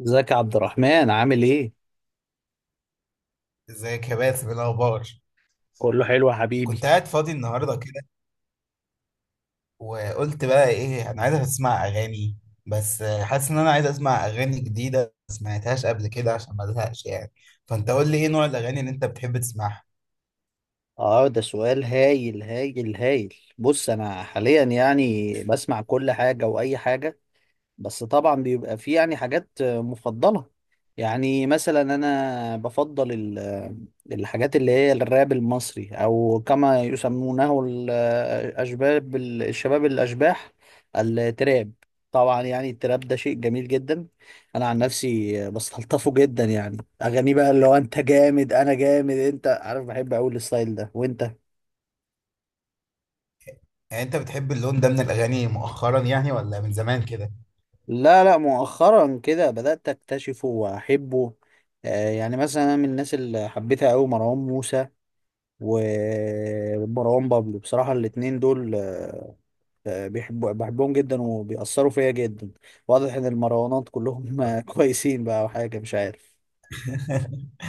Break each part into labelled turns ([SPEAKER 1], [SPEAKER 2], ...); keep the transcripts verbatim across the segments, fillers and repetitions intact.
[SPEAKER 1] ازيك يا عبد الرحمن؟ عامل ايه؟
[SPEAKER 2] ازيك يا باسم؟ إيه الاخبار؟
[SPEAKER 1] كله حلو يا حبيبي.
[SPEAKER 2] كنت قاعد فاضي النهارده كده، وقلت بقى ايه، انا عايز اسمع اغاني، بس حاسس ان انا عايز اسمع اغاني جديده ما سمعتهاش قبل كده عشان ما ازهقش يعني. فانت قول لي ايه نوع الاغاني اللي انت بتحب تسمعها؟
[SPEAKER 1] اه، ده سؤال هايل هايل هايل. بص، انا حاليا يعني بسمع كل حاجة واي حاجة. بس طبعا بيبقى في يعني حاجات مفضلة. يعني مثلا انا بفضل ال- الحاجات اللي هي الراب المصري، او كما يسمونه الاشباب الشباب الاشباح، التراب. طبعا يعني التراب ده شيء جميل جدا. انا عن نفسي بستلطفه جدا يعني. اغاني بقى اللي هو انت جامد انا جامد، انت عارف، بحب اقول الستايل ده. وانت،
[SPEAKER 2] يعني انت بتحب اللون ده من الاغاني مؤخرا يعني ولا من زمان كده؟
[SPEAKER 1] لا لا، مؤخرا كده بدأت أكتشفه وأحبه. آه يعني مثلا أنا من الناس اللي حبيتها أوي مروان موسى ومروان بابلو. بصراحة الاتنين دول، آه آه، بيحبوا بحبهم جدا وبيأثروا فيا جدا. واضح إن المروانات كلهم آه، كويسين بقى وحاجة مش عارف.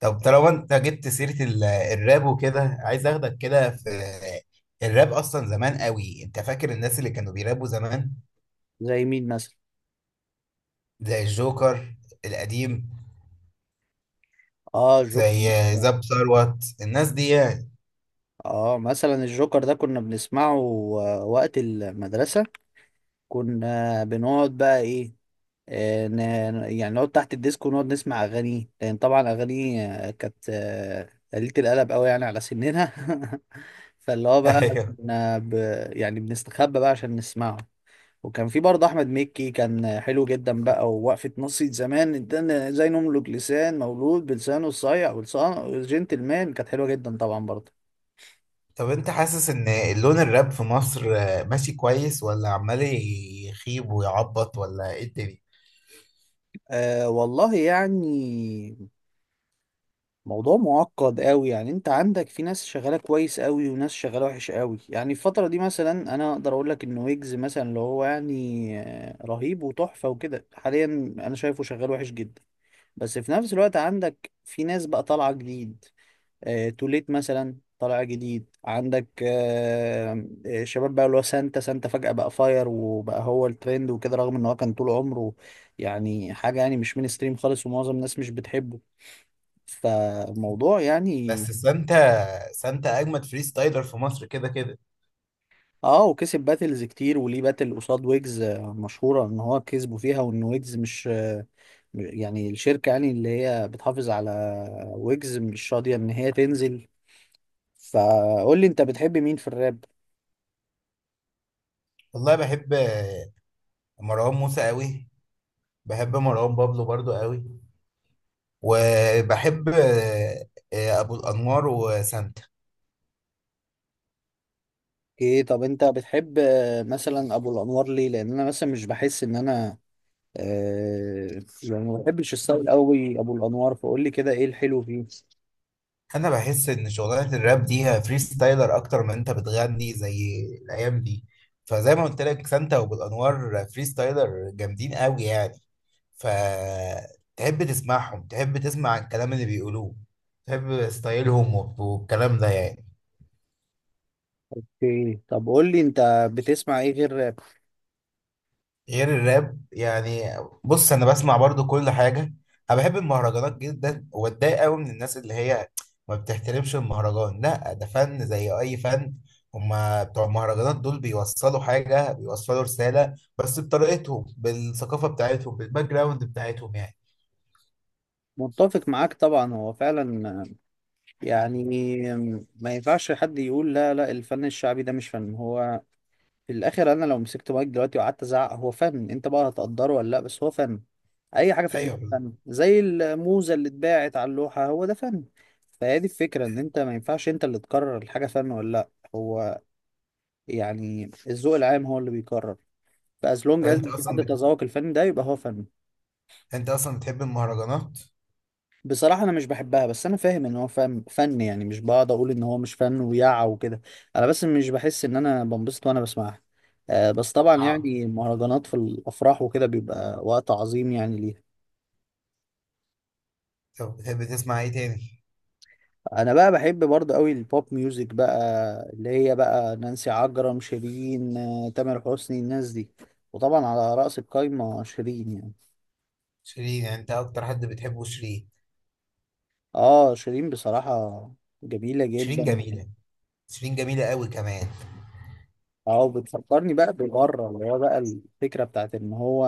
[SPEAKER 2] طب طالما انت جبت سيره ال- الراب وكده، عايز اخدك كده في الراب. اصلا زمان قوي، انت فاكر الناس اللي كانوا بيرابوا زمان؟
[SPEAKER 1] زي مين مثلا؟
[SPEAKER 2] زي الجوكر القديم،
[SPEAKER 1] اه الجوكر.
[SPEAKER 2] زي
[SPEAKER 1] مثلا.
[SPEAKER 2] زاب ثروت، الناس دي يعني.
[SPEAKER 1] اه مثلا الجوكر ده كنا بنسمعه آه، وقت المدرسة. كنا بنقعد بقى ايه، آه، ن- يعني نقعد تحت الديسك ونقعد نسمع اغاني، لان طبعا اغاني آه، كانت آه، قليلة القلب قوي يعني على سننا فاللي هو بقى
[SPEAKER 2] ايوه.
[SPEAKER 1] كنا ب... يعني بنستخبى بقى عشان نسمعه. وكان في برضه احمد مكي كان حلو جدا بقى، ووقفة نصية زمان ده زي نملك لسان، مولود بلسانه الصايع ولسانه جنتلمان، كانت حلوة جدا طبعا برضه.
[SPEAKER 2] طب انت حاسس ان اللون الراب في مصر ماشي كويس، ولا عمال يخيب ويعبط، ولا ايه الدنيا؟
[SPEAKER 1] أه والله يعني موضوع معقد قوي. يعني انت عندك في ناس شغاله كويس قوي وناس شغاله وحش قوي. يعني الفتره دي مثلا انا اقدر اقول لك ان ويجز مثلا اللي هو يعني آه، رهيب وتحفه وكده حاليا. انا شايفه شغال وحش جدا. بس في نفس الوقت عندك في ناس بقى طالعه جديد. آه، توليت مثلا طالع جديد. عندك آه، آه، شباب بقى اللي هو سانتا. سانتا فجأة بقى فاير وبقى هو الترند وكده، رغم ان هو كان طول عمره يعني حاجة يعني مش مين ستريم خالص ومعظم الناس مش بتحبه. فالموضوع يعني.
[SPEAKER 2] بس سانتا سانتا اجمد فري ستايلر في مصر كده كده.
[SPEAKER 1] اه، وكسب باتلز كتير وليه باتل قصاد ويجز آه، مشهورة ان هو كسبه فيها، وان ويجز مش آه، يعني الشركة يعني اللي هي بتحافظ على ويجز مش راضية ان هي تنزل. فقول لي انت بتحب مين في الراب؟
[SPEAKER 2] والله بحب مروان موسى قوي، بحب مروان بابلو برضو قوي، وبحب ابو الانوار وسانتا.
[SPEAKER 1] ايه؟ طب انت بتحب آه، مثلا ابو الانوار ليه؟ لان انا مثلا مش بحس ان انا آه يعني ما بحبش الستايل قوي ابو الانوار. فقول لي كده ايه الحلو فيه؟
[SPEAKER 2] انا بحس ان شغلانه الراب دي هي فري ستايلر اكتر من انت بتغني زي الايام دي. فزي ما قلت لك، سانتا وبالانوار فري ستايلر جامدين قوي يعني. فتحب تسمعهم، تحب تسمع الكلام اللي بيقولوه، تحب ستايلهم والكلام ده يعني.
[SPEAKER 1] اوكي، طب قول لي انت بتسمع ايه غير راب؟
[SPEAKER 2] غير الراب يعني؟ بص انا بسمع برضو كل حاجه. انا بحب المهرجانات جدا، واتضايق قوي من الناس اللي هي ما بتحترمش المهرجان. لا، ده فن زي اي فن. هما بتوع المهرجانات دول بيوصلوا حاجه، بيوصلوا رساله، بس بطريقتهم، بالثقافه بتاعتهم، بالباك جراوند بتاعتهم يعني.
[SPEAKER 1] متفق معاك طبعا. هو فعلا يعني ما ينفعش حد يقول لا، لا الفن الشعبي ده مش فن. هو في الاخر انا لو مسكت مايك دلوقتي وقعدت ازعق، هو فن. انت بقى هتقدره ولا لا، بس هو فن. اي حاجه في الدنيا
[SPEAKER 2] ايوه.
[SPEAKER 1] فن، زي الموزه اللي اتباعت على اللوحه، هو ده فن. فهي دي الفكره، ان انت ما ينفعش انت اللي تقرر الحاجه فن ولا لا. هو يعني الذوق العام هو اللي بيقرر. فاز لونج از
[SPEAKER 2] انت
[SPEAKER 1] في
[SPEAKER 2] اصلا
[SPEAKER 1] حد
[SPEAKER 2] بت...
[SPEAKER 1] تذوق الفن ده يبقى هو فن.
[SPEAKER 2] انت اصلا بتحب المهرجانات؟
[SPEAKER 1] بصراحة أنا مش بحبها، بس أنا فاهم إن هو فن. فن يعني مش بقعد أقول إن هو مش فن ويع وكده. أنا بس مش بحس إن أنا بنبسط وأنا بسمعها. آه، بس طبعا
[SPEAKER 2] اه.
[SPEAKER 1] يعني المهرجانات في الأفراح وكده بيبقى وقت عظيم يعني ليها.
[SPEAKER 2] طب بتحب تسمع ايه تاني؟
[SPEAKER 1] أنا بقى بحب برضه أوي البوب ميوزك بقى، اللي هي بقى نانسي عجرم، شيرين، آه، تامر حسني، الناس دي. وطبعا على رأس القايمة شيرين يعني.
[SPEAKER 2] شيرين؟ يعني انت اكتر حد بتحبه شيرين؟
[SPEAKER 1] آه شيرين بصراحة جميلة
[SPEAKER 2] شيرين
[SPEAKER 1] جدا.
[SPEAKER 2] جميله. شيرين جميله قوي كمان.
[SPEAKER 1] اه بتفكرني بقى ببره اللي هو بقى الفكرة بتاعت ان هو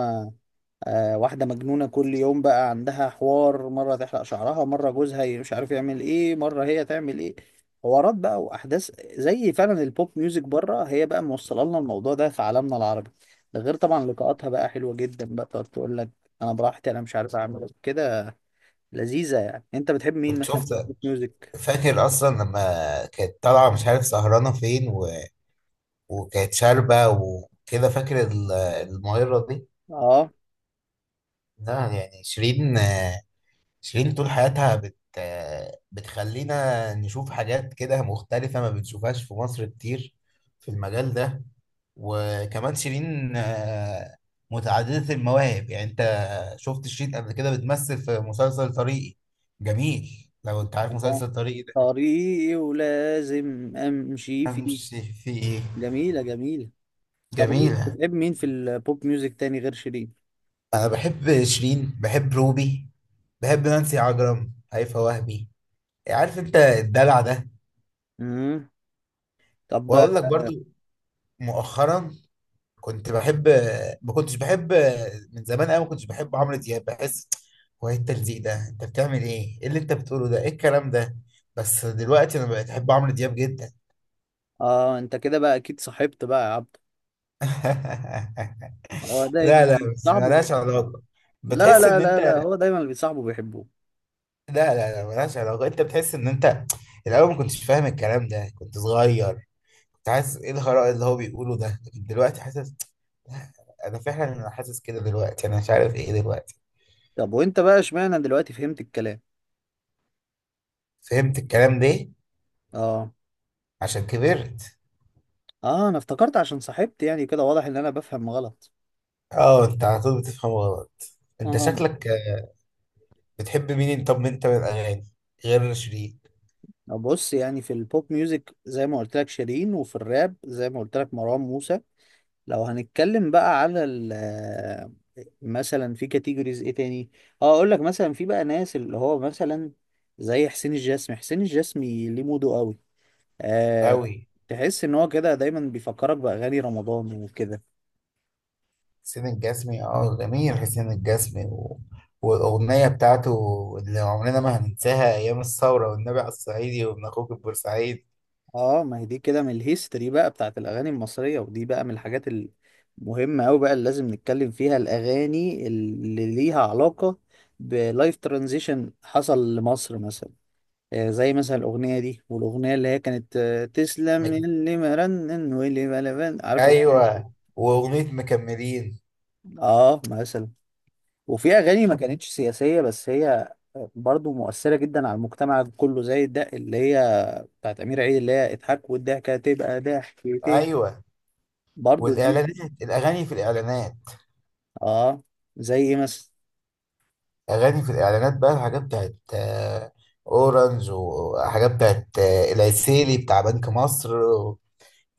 [SPEAKER 1] آه، واحدة مجنونة كل يوم بقى عندها حوار، مرة تحلق شعرها، مرة جوزها ي- مش عارف يعمل ايه، مرة هي تعمل ايه. حوارات بقى وأحداث. زي فعلا البوب ميوزك بره، هي بقى موصلة لنا الموضوع ده في عالمنا العربي. ده غير طبعا لقاءاتها بقى حلوة جدا بقى، تقعد تقول لك أنا براحتي، أنا مش عارف أعمل إيه كده. لذيذة يعني. أنت بتحب مين
[SPEAKER 2] كنت
[SPEAKER 1] مثلا في
[SPEAKER 2] شفت،
[SPEAKER 1] البوب ميوزك؟
[SPEAKER 2] فاكر اصلا لما كانت طالعه مش عارف سهرانه فين و... وكانت شاربه وكده، فاكر ال- المغيره دي؟
[SPEAKER 1] آه.
[SPEAKER 2] لا يعني شيرين، شيرين طول حياتها بت... بتخلينا نشوف حاجات كده مختلفه ما بنشوفهاش في مصر كتير في المجال ده. وكمان شيرين آه، متعدده المواهب يعني. انت شفت شيرين قبل كده بتمثل في مسلسل طريقي؟ جميل، لو انت عارف
[SPEAKER 1] الله.
[SPEAKER 2] مسلسل طريقي ده.
[SPEAKER 1] طريقي ولازم أمشي فيه.
[SPEAKER 2] امشي فيه.
[SPEAKER 1] جميلة جميلة. طب قولي،
[SPEAKER 2] جميله.
[SPEAKER 1] بتحب مين في البوب ميوزك تاني غير شيرين؟
[SPEAKER 2] انا بحب شيرين، بحب روبي، بحب نانسي عجرم، هيفاء وهبي، عارف انت الدلع ده.
[SPEAKER 1] مم. طب.
[SPEAKER 2] واقول لك برضو مؤخرا، كنت بحب، ما كنتش بحب من زمان قوي، ما كنتش بحب عمرو دياب، بحس هو ايه التلزيق ده، انت بتعمل ايه، ايه اللي انت بتقوله ده، ايه الكلام ده؟ بس دلوقتي انا بقيت احب عمرو دياب جدا.
[SPEAKER 1] اه انت كده بقى اكيد صاحبت بقى يا عبد. هو
[SPEAKER 2] لا
[SPEAKER 1] دايما.
[SPEAKER 2] لا، بس
[SPEAKER 1] صاحبه
[SPEAKER 2] ملهاش
[SPEAKER 1] بيحبه.
[SPEAKER 2] علاقة.
[SPEAKER 1] لا
[SPEAKER 2] بتحس
[SPEAKER 1] لا
[SPEAKER 2] ان
[SPEAKER 1] لا لا،
[SPEAKER 2] انت،
[SPEAKER 1] هو دايما اللي بيصاحبه بيحبه.
[SPEAKER 2] لا لا لا، ملهاش علاقة. انت بتحس ان انت الاول ما كنتش فاهم الكلام ده، كنت صغير، كنت حاسس ايه الهراء اللي هو بيقوله ده، لكن دلوقتي حاسس. انا فعلا انا حاسس كده دلوقتي، انا مش عارف ايه دلوقتي.
[SPEAKER 1] طب وانت بقى، اشمعنى دلوقتي فهمت الكلام؟
[SPEAKER 2] فهمت الكلام ده
[SPEAKER 1] اه.
[SPEAKER 2] عشان كبرت.
[SPEAKER 1] اه انا افتكرت عشان صاحبت يعني، كده واضح ان انا بفهم غلط.
[SPEAKER 2] اه، انت على طول بتفهم غلط، انت
[SPEAKER 1] اه.
[SPEAKER 2] شكلك. بتحب مين طب انت من الاغاني غير شيرين؟
[SPEAKER 1] طب بص، يعني في البوب ميوزك زي ما قلت لك شيرين، وفي الراب زي ما قلت لك مروان موسى. لو هنتكلم بقى على ال آه، مثلا في كاتيجوريز ايه تاني. اه اقول لك مثلا في بقى ناس اللي هو مثلا زي حسين الجسمي. حسين الجسمي ليه موده قوي. آه.
[SPEAKER 2] قوي.
[SPEAKER 1] تحس ان هو كده دايما بيفكرك باغاني رمضان وكده.
[SPEAKER 2] حسين الجسمي؟ اه جميل حسين الجسمي و... والاغنيه بتاعته اللي عمرنا ما هننساها ايام الثوره، والنبي على الصعيدي، وابن اخوك البورسعيد.
[SPEAKER 1] اه، ما هي دي كده من الهيستوري بقى بتاعت الاغاني المصريه، ودي بقى من الحاجات المهمه قوي بقى اللي لازم نتكلم فيها، الاغاني اللي ليها علاقه بلايف ترانزيشن حصل لمصر مثلا. آه زي مثلا الاغنيه دي، والاغنيه اللي هي كانت آه، تسلم
[SPEAKER 2] مك...
[SPEAKER 1] اللي مرنن واللي بلبن، عارف الاغنيه دي؟
[SPEAKER 2] ايوه، واغنيه مكملين.
[SPEAKER 1] اه مثلا. وفي اغاني ما كانتش سياسيه بس هي برضو مؤثره جدا على المجتمع كله، زي الدق اللي هي بتاعت امير عيد اللي هي اضحك والضحكه تبقى ضحكتين.
[SPEAKER 2] ايوه.
[SPEAKER 1] برضو دي.
[SPEAKER 2] والاعلانات، الاغاني في الاعلانات،
[SPEAKER 1] اه. زي ايه مثلا؟
[SPEAKER 2] اغاني في الاعلانات بقى. الحاجات بتاعت آه، اورنج، وحاجات بتاعت آه، العسيلي بتاع بنك مصر،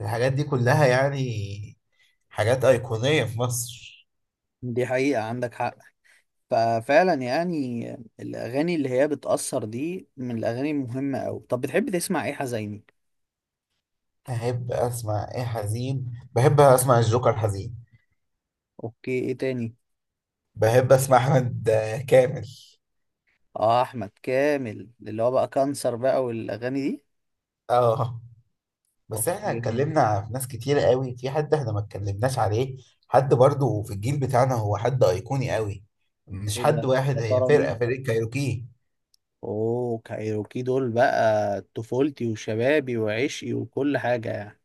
[SPEAKER 2] الحاجات دي كلها يعني حاجات ايقونيه في مصر.
[SPEAKER 1] دي حقيقه، عندك حق. ففعلا يعني الاغاني اللي هي بتاثر دي من الاغاني المهمه قوي. طب بتحب تسمع ايه حزيني؟
[SPEAKER 2] احب اسمع ايه حزين؟ بحب اسمع الجوكر حزين.
[SPEAKER 1] اوكي. ايه تاني؟
[SPEAKER 2] بحب اسمع احمد آه، كامل.
[SPEAKER 1] اه احمد كامل اللي هو بقى كانسر بقى والاغاني دي.
[SPEAKER 2] اه. بس احنا
[SPEAKER 1] اوكي.
[SPEAKER 2] اتكلمنا في ناس كتير قوي، في حد احنا ما اتكلمناش عليه، حد برضو في الجيل بتاعنا هو حد ايقوني قوي، مش
[SPEAKER 1] ايه
[SPEAKER 2] حد
[SPEAKER 1] ده؟
[SPEAKER 2] واحد،
[SPEAKER 1] يا
[SPEAKER 2] هي
[SPEAKER 1] ترى
[SPEAKER 2] فرقة
[SPEAKER 1] مين؟
[SPEAKER 2] فرقة كايروكي.
[SPEAKER 1] اوه كايروكي دول بقى طفولتي وشبابي وعشقي وكل حاجة يعني.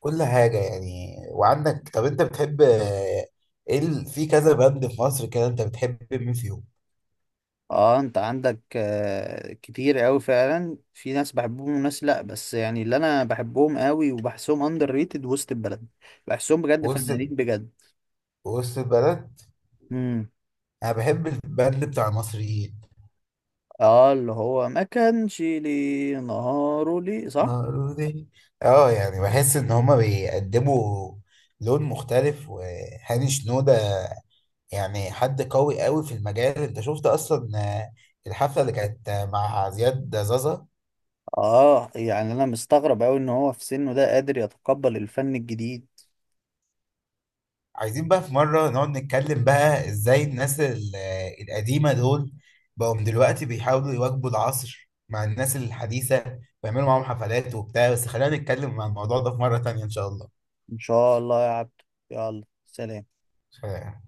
[SPEAKER 2] كل حاجة يعني. وعندك، طب انت بتحب آه، ايه ال- في كذا باند في مصر كده، انت بتحب مين فيهم؟
[SPEAKER 1] اه انت عندك آه، كتير قوي فعلا في ناس بحبهم وناس لا، بس يعني اللي انا بحبهم قوي وبحسهم اندر ريتد وسط البلد. بحسهم بجد
[SPEAKER 2] وسط
[SPEAKER 1] فنانين بجد.
[SPEAKER 2] وسط البلد.
[SPEAKER 1] امم
[SPEAKER 2] انا بحب الباند بتاع المصريين
[SPEAKER 1] اه اللي هو ما كانش لي نهاره لي صح.
[SPEAKER 2] مولودين. اه، يعني بحس ان هما بيقدموا لون مختلف. وهاني شنودة يعني حد قوي قوي في المجال. انت شفت اصلا آه، الحفله اللي كانت آه، مع زياد زازا؟
[SPEAKER 1] اه يعني انا مستغرب قوي ان هو في سنه ده قادر يتقبل الفن الجديد.
[SPEAKER 2] عايزين بقى في مره نقعد نتكلم بقى ازاي الناس ال- آه، القديمه دول بقوا من دلوقتي بيحاولوا يواكبوا العصر مع الناس الحديثه ويعملوا معاهم حفلات وبتاع. بس خلينا نتكلم عن الموضوع ده في مره تانية ان شاء
[SPEAKER 1] ان شاء الله يا عبد. يلا سلام.
[SPEAKER 2] الله.